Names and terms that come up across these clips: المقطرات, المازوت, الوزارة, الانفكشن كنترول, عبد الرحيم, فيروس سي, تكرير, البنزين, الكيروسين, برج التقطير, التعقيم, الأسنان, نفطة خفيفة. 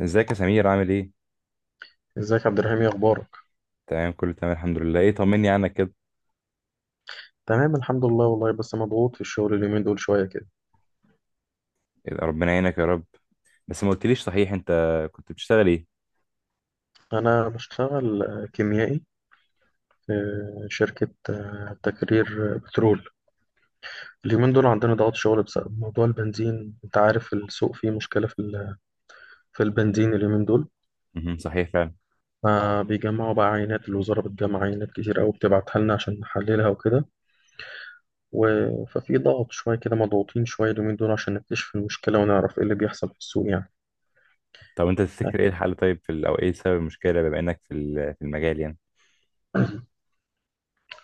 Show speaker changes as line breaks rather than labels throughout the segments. ازيك يا سمير، عامل ايه؟
ازيك يا عبد الرحيم، ايه اخبارك؟
تمام، كله تمام الحمد لله. ايه، طمني عنك كده.
تمام الحمد لله والله، بس مضغوط في الشغل اليومين دول شويه كده.
إيه، ربنا يعينك يا رب. بس ما قلتليش، صحيح انت كنت بتشتغل ايه؟
انا بشتغل كيميائي في شركه تكرير بترول. اليومين دول عندنا ضغط شغل بسبب موضوع البنزين، انت عارف السوق فيه مشكله في البنزين اليومين دول.
مهم، صحيح فعلا.
فبيجمعوا بقى عينات، الوزاره بتجمع عينات كتير قوي بتبعتها لنا عشان نحللها وكده و... ففي ضغط شويه كده، مضغوطين شويه اليومين دول عشان نكتشف المشكله ونعرف ايه اللي بيحصل في السوق يعني.
طب انت تفتكر ايه الحل؟ طيب او ايه سبب المشكلة، بما انك في المجال يعني؟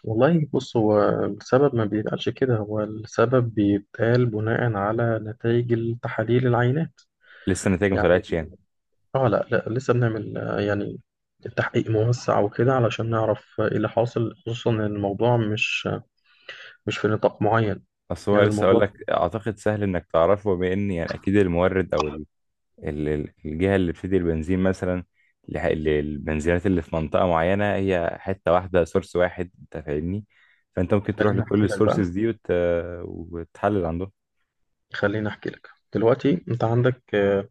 والله بص، هو السبب ما بيتقالش كده، هو السبب بيتقال بناء على نتائج التحاليل العينات.
لسه النتائج ما
يعني
طلعتش يعني.
اه، لا لسه بنعمل يعني تحقيق موسع وكده علشان نعرف ايه اللي حاصل، خصوصا ان الموضوع مش مش في نطاق معين.
اصل هو
يعني
لسه، اقول
الموضوع
لك، اعتقد سهل انك تعرفه، بما ان يعني اكيد المورد، او الجهة اللي بتدي البنزين مثلا، للبنزينات اللي في منطقة معينة، هي حتة واحدة، سورس واحد، انت فاهمني. فانت ممكن تروح
خليني
لكل
احكي لك بقى
السورسز دي وتحلل عندهم.
خليني احكي لك. دلوقتي انت عندك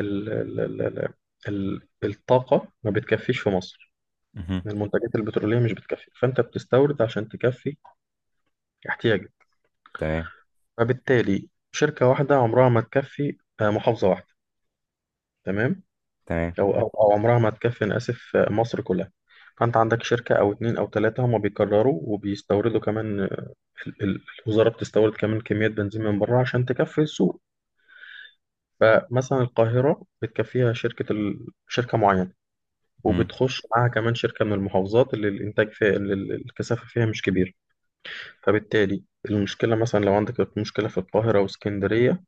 ال ال ال ال ال- الطاقة ما بتكفيش في مصر،
مهم.
المنتجات البترولية مش بتكفي، فانت بتستورد عشان تكفي احتياجك.
تمام.
فبالتالي شركة واحدة عمرها ما تكفي محافظة واحدة. تمام
تمام.
أو عمرها ما تكفي، أنا آسف، مصر كلها. فأنت عندك شركة أو اتنين أو تلاتة هما بيكرروا وبيستوردوا كمان، ال- ال- الوزارة بتستورد كمان كميات بنزين من بره عشان تكفي السوق. فمثلا القاهرة بتكفيها شركة معينة،
مهم.
وبتخش معاها كمان شركة من المحافظات اللي الإنتاج فيها، اللي الكثافة فيها مش كبير. فبالتالي المشكلة، مثلا لو عندك مشكلة في القاهرة واسكندرية،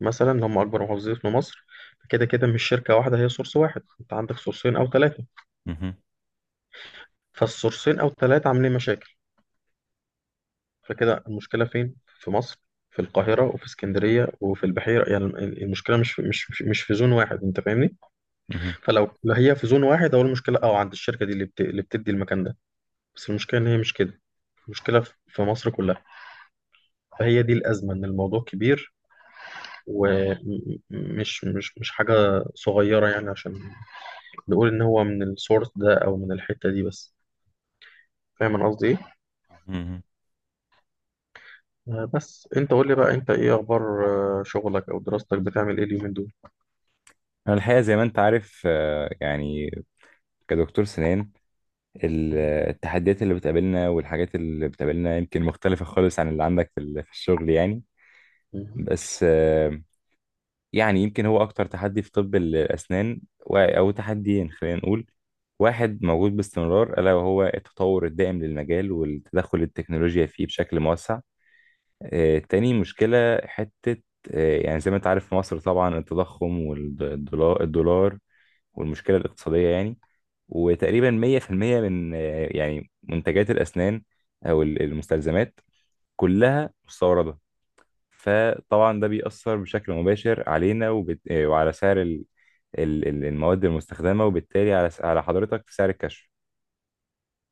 مثلا اللي هم اكبر محافظين في مصر، كده كده مش شركه واحده هي سورس واحد، انت عندك سورسين او ثلاثه.
مهم.
فالسورسين او ثلاثه عاملين مشاكل، فكده المشكله فين؟ في مصر، في القاهره وفي اسكندريه وفي البحيره. يعني المشكله مش في زون واحد، انت فاهمني؟
مهم.
فلو هي في زون واحد اول، المشكله اه عند الشركه دي اللي بتدي المكان ده. بس المشكله ان هي مش كده، المشكله في مصر كلها. فهي دي الازمه، ان الموضوع كبير ومش مش مش حاجه صغيره يعني، عشان نقول إن هو من السورس ده أو من الحتة دي بس. فاهم أنا قصدي إيه؟
مهم.
بس أنت قول لي بقى، أنت إيه أخبار شغلك أو دراستك؟ بتعمل إيه اليومين دول؟
انا الحقيقة زي ما انت عارف، يعني كدكتور سنان، ال- التحديات اللي بتقابلنا والحاجات اللي بتقابلنا يمكن مختلفة خالص عن اللي عندك في الشغل يعني.
مهم.
بس يعني يمكن هو أكتر تحدي في طب الأسنان، أو تحديين خلينا نقول. واحد موجود باستمرار، ألا وهو التطور الدائم للمجال والتدخل التكنولوجيا فيه بشكل موسع. تاني مشكلة حتة، يعني زي ما أنت عارف في مصر، طبعا التضخم والدولار الدولار والمشكلة الاقتصادية يعني. وتقريبا 100% من يعني منتجات الأسنان أو المستلزمات كلها مستوردة. فطبعا ده بيأثر بشكل مباشر علينا، وبت... آه، وعلى سعر المواد المستخدمة، وبالتالي على على حضرتك في سعر الكشف.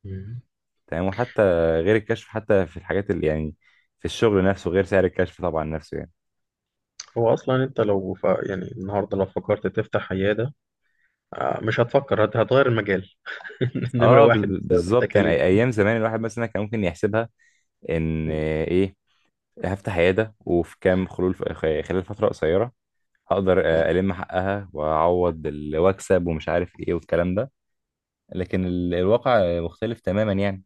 مهم.
تمام، وحتى غير الكشف، حتى في الحاجات اللي يعني في الشغل نفسه غير سعر الكشف طبعا نفسه يعني.
هو أصلا أنت لو يعني النهاردة لو فكرت تفتح عيادة، مش هتفكر هتغير المجال. نمرة
اه،
واحد بسبب
بالظبط يعني.
التكاليف.
ايام زمان الواحد مثلا كان ممكن يحسبها، ان
مم.
ايه، هفتح عيادة، وفي كام خلول خلال فترة قصيرة هقدر ألم حقها وأعوض وأكسب ومش عارف إيه والكلام ده. لكن الواقع مختلف تماما يعني.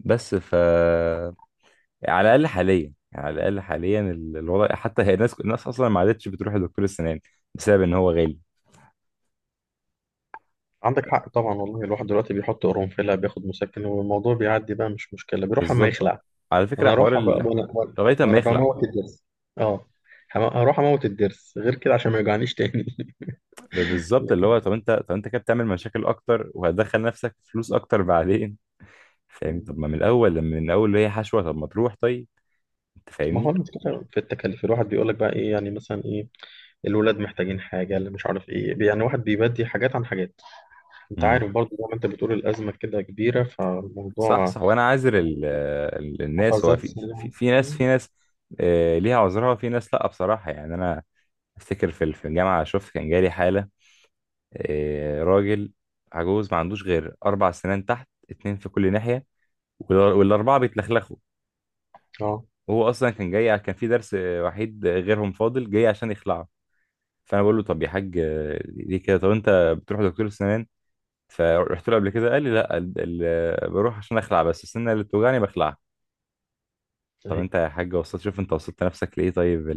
بس يعني على الاقل حاليا، يعني على الاقل حاليا الوضع، حتى هي الناس، الناس اصلا ما عادتش بتروح لدكتور السنان بسبب ان هو غالي.
عندك حق طبعا، والله الواحد دلوقتي بيحط قرنفلة بياخد مسكن والموضوع بيعدي بقى، مش مشكلة بيروح أما
بالظبط.
يخلع.
على فكره
أنا
حوار
أروح بقى وأنا وأنا
لغايه ما
وأنا
يخلع.
بموت الدرس. أه، هروح أموت الدرس غير كده عشان ما يوجعنيش تاني.
بالظبط. اللي هو طب انت كده بتعمل مشاكل اكتر، وهتدخل نفسك في فلوس اكتر بعدين، فاهمني؟
مم.
طب ما من الاول، لما من الاول اللي هي حشوه، طب ما تروح؟ طيب، انت
ما هو
فاهمني.
المشكلة في التكاليف، الواحد بيقول لك بقى ايه يعني، مثلا ايه، الولاد محتاجين حاجة، اللي مش عارف ايه، يعني واحد بيبدي حاجات عن حاجات. انت
امم.
عارف برضه زي ما انت بتقول، الأزمة كده كبيرة
صح،
فالموضوع
صح. وانا عاذر الناس. هو
قفزات
في، في,
سريعة.
في ناس، في
مم.
ناس ليها عذرها، وفي ناس لا، بصراحه يعني. انا افتكر في الجامعه شفت، كان جالي حاله، راجل عجوز ما عندوش غير اربع سنان تحت، اتنين في كل ناحيه، والاربعه بيتلخلخوا،
اه.
وهو اصلا كان جاي، كان في درس وحيد غيرهم فاضل، جاي عشان يخلعه. فانا بقول له، طب يا حاج ليه كده؟ طب انت بتروح دكتور السنان؟ فرحت له قبل كده؟ قال لي لا، بروح عشان اخلع بس، السنه اللي بتوجعني بخلعها. طب
اهي.
انت يا حاج وصلت، شوف انت وصلت نفسك لايه؟ طيب،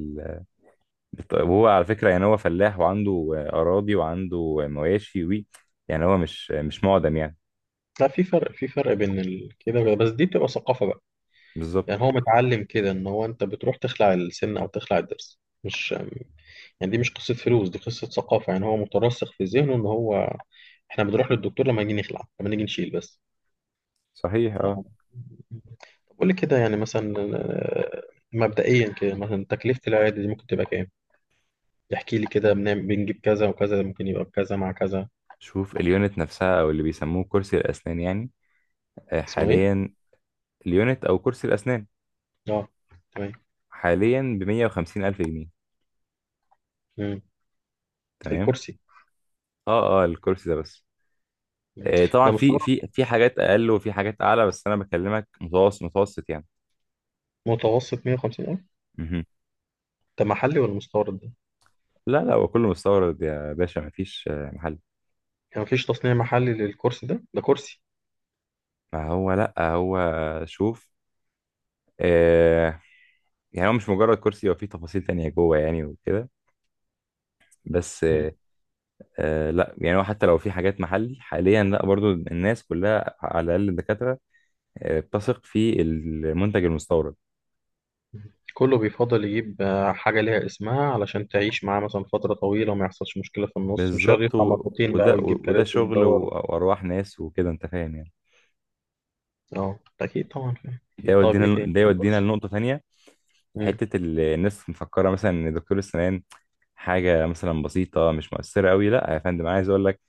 طيب هو على فكرة يعني هو فلاح، وعنده أراضي، وعنده مواشي، وي، يعني هو مش مش معدم يعني.
لا، في فرق، في فرق كده بقى. بس دي بتبقى ثقافة بقى.
بالظبط.
يعني هو متعلم كده ان هو، انت بتروح تخلع السن او تخلع الضرس مش، يعني دي مش قصة فلوس، دي قصة ثقافة. يعني هو مترسخ في ذهنه ان هو، احنا بنروح للدكتور لما نيجي نخلع، لما نيجي نشيل بس.
صحيح، اه.
آه. طب قول لي كده، يعني مثلا مبدئيا كده مثلا تكلفة العيادة دي ممكن تبقى كام؟ احكي لي كده، بنعمل بنجيب كذا وكذا، ممكن يبقى بكذا مع كذا.
شوف اليونت نفسها، أو اللي بيسموه كرسي الأسنان يعني،
اسمه ايه؟
حاليا... اليونت أو كرسي الأسنان
اه، تمام.
حاليا بمية وخمسين ألف جنيه.
مم.
تمام.
الكرسي.
اه، اه، الكرسي ده بس.
مم.
طبعا
ده
في
مستورد؟
حاجات أقل وفي حاجات أعلى، بس أنا بكلمك متوسط متوسط يعني.
متوسط 150 ألف.
مهم.
ده محلي ولا مستورد ده؟
لا، لا، هو كله مستورد يا باشا، مفيش محل.
يعني مفيش تصنيع محلي للكرسي ده؟ ده كرسي.
ما هو لا، هو شوف، آه، يعني هو مش مجرد كرسي، هو فيه تفاصيل تانية جوه يعني وكده. بس
مم.
لا، يعني هو حتى لو في حاجات محلي حاليا، لا، برضو الناس كلها، على الأقل الدكاترة، بتثق في المنتج المستورد.
كله بيفضل يجيب حاجة ليها اسمها، علشان تعيش معاه مثلا فترة طويلة وما يحصلش مشكلة في النص، مش هيقعد
بالظبط.
يدفع مرتين بقى
وده
ويجيب
وده
كراسي
شغل
ويدور.
وأرواح ناس وكده، أنت فاهم يعني.
اه، اكيد طبعا فاهم، اكيد. طيب ايه تاني؟
ده يودينا لنقطة تانية.
مم.
حتة الناس مفكرة مثلا إن دكتور السنان حاجة مثلا بسيطة، مش مؤثرة قوي. لا يا فندم، عايز أقول لك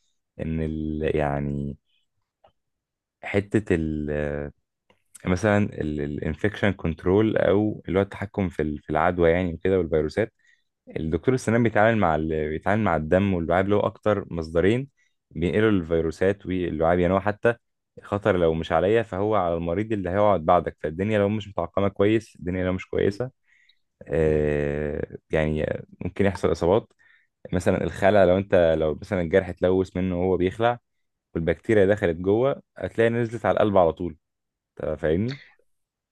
إن يعني حتة ال... مثلا الانفكشن كنترول، او اللي هو التحكم في العدوى يعني وكده، والفيروسات. الدكتور السنان بيتعامل بيتعامل مع الدم واللعاب، اللي هو اكتر مصدرين بينقلوا الفيروسات. واللعاب يعني هو حتى خطر، لو مش عليا فهو على المريض اللي هيقعد بعدك. فالدنيا لو مش متعقمه كويس، الدنيا لو مش كويسه،
مم.
يعني ممكن يحصل اصابات. مثلا الخلع، لو مثلا الجرح اتلوث منه وهو بيخلع، والبكتيريا دخلت جوه، هتلاقي نزلت على القلب على طول. أنت فاهمني؟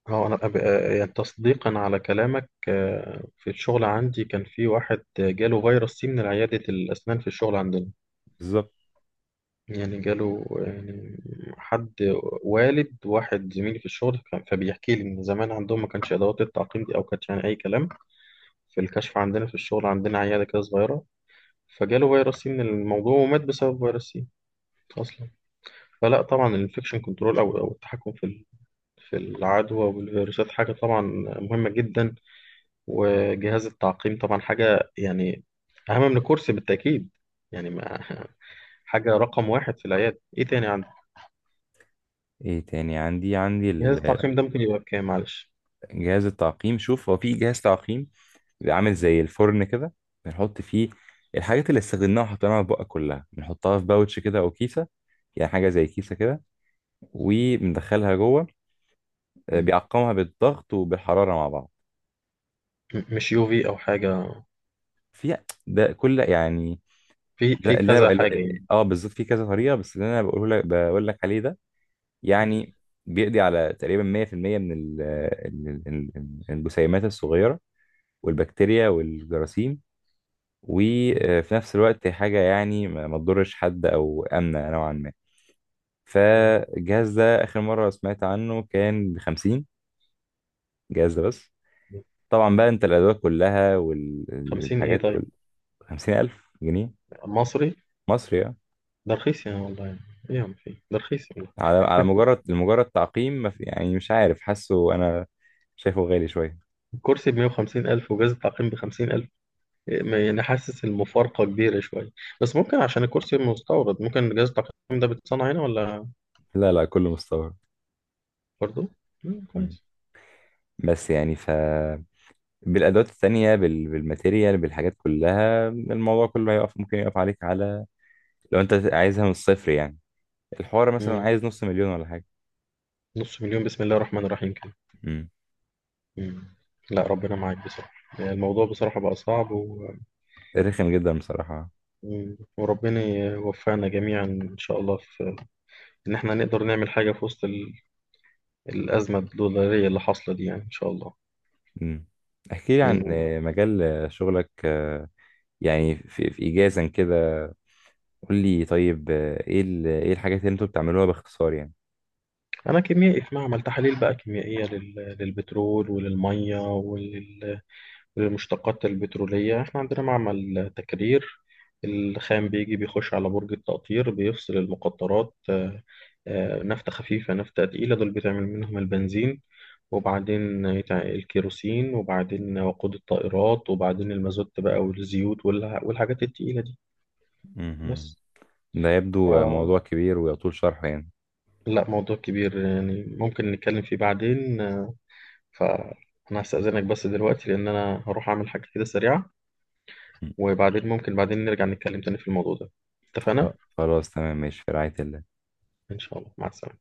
اه، انا يعني تصديقا على كلامك، في الشغل عندي كان في واحد جاله فيروس سي من عيادة الاسنان في الشغل عندنا.
بالظبط.
يعني جاله يعني حد، والد واحد زميلي في الشغل فبيحكي لي ان زمان عندهم ما كانش ادوات التعقيم دي او كانش، يعني اي كلام في الكشف عندنا، في الشغل عندنا عياده كده صغيره، فجاله فيروس سي من الموضوع ومات بسبب فيروس سي اصلا. فلا طبعا الانفكشن كنترول، او التحكم في العدوى والفيروسات، حاجة طبعا مهمة جدا. وجهاز التعقيم طبعا حاجة يعني أهم من الكرسي بالتأكيد. يعني ما حاجة رقم واحد في العيادة. إيه تاني عندك؟
ايه تاني عندي
جهاز التعقيم ده ممكن يبقى بكام معلش؟
جهاز التعقيم. شوف، هو في جهاز تعقيم بيبقى عامل زي الفرن كده، بنحط فيه الحاجات اللي استخدمناها وحطيناها في بقى، كلها بنحطها في باوتش كده او كيسه، يعني حاجه زي كيسه كده، وبندخلها جوه.
م-
بيعقمها بالضغط وبالحراره مع بعض.
مش يو في أو حاجة؟
في ده كل يعني،
في
ده اللي انا
كذا
بقى...
حاجة يعني.
اه، بالظبط، في كذا طريقه، بس اللي انا بقوله لك بقول لك عليه ده
م-
يعني، بيقضي على تقريبا 100% من الجسيمات الصغيره والبكتيريا والجراثيم. وفي نفس الوقت هي حاجة يعني ما تضرش حد، أو آمنة نوعا ما.
م-
فالجهاز ده آخر مرة سمعت عنه كان بخمسين. جهاز ده بس،
م-
طبعا بقى، أنت الأدوات كلها
خمسين إيه
والحاجات
طيب؟
كل... خمسين ألف جنيه
مصري؟
مصري يعني.
ده رخيص يعني والله، يعني إيه يا عم، في ده رخيص والله.
على لمجرد تعقيم؟ ما يعني مش عارف، حاسه أنا شايفه غالي شوية.
الكرسي بمية وخمسين ألف وجهاز التعقيم بخمسين ألف، يعني حاسس المفارقة كبيرة شوية. بس ممكن عشان الكرسي مستورد، ممكن جهاز التقييم ده بيتصنع هنا ولا
لا، لا، كله مستورد.
برضه؟ مم،
مم.
كويس.
بس يعني بالأدوات التانية، بالماتيريال، بالحاجات كلها، الموضوع كله هيقف، ممكن يقف عليك على... لو انت عايزها من الصفر يعني الحوار مثلا
مم.
عايز نص مليون ولا حاجة.
نص مليون، بسم الله الرحمن الرحيم كده.
امم.
مم. لا ربنا معاك بصراحة، الموضوع بصراحة بقى صعب.
رخم جدا بصراحة.
مم. وربنا يوفقنا جميعا إن شاء الله، في إن إحنا نقدر نعمل حاجة في وسط الأزمة الدولارية اللي حاصلة دي، يعني إن شاء الله.
امم. احكي لي عن
بإذن الله.
مجال شغلك، يعني في، إيجازا كده. قول لي طيب، ايه ايه الحاجات اللي انتوا بتعملوها باختصار يعني.
أنا كيميائي في معمل تحاليل بقى كيميائية للبترول وللمية المشتقات البترولية. احنا عندنا معمل تكرير، الخام بيجي بيخش على برج التقطير بيفصل المقطرات نفطة خفيفة نفطة تقيلة، دول بتعمل منهم البنزين. وبعدين الكيروسين، وبعدين وقود الطائرات، وبعدين المازوت بقى، والزيوت والحاجات التقيلة دي
مهم.
بس.
ده يبدو موضوع
آه،
كبير ويطول شرحه يعني.
لا موضوع كبير يعني، ممكن نتكلم فيه بعدين. فأنا هستأذنك بس دلوقتي، لأن أنا هروح أعمل حاجة كده سريعة،
مم.
وبعدين ممكن بعدين نرجع نتكلم تاني في الموضوع ده، اتفقنا؟
خلاص، تمام، ماشي، في رعاية الله.
إن شاء الله مع السلامة.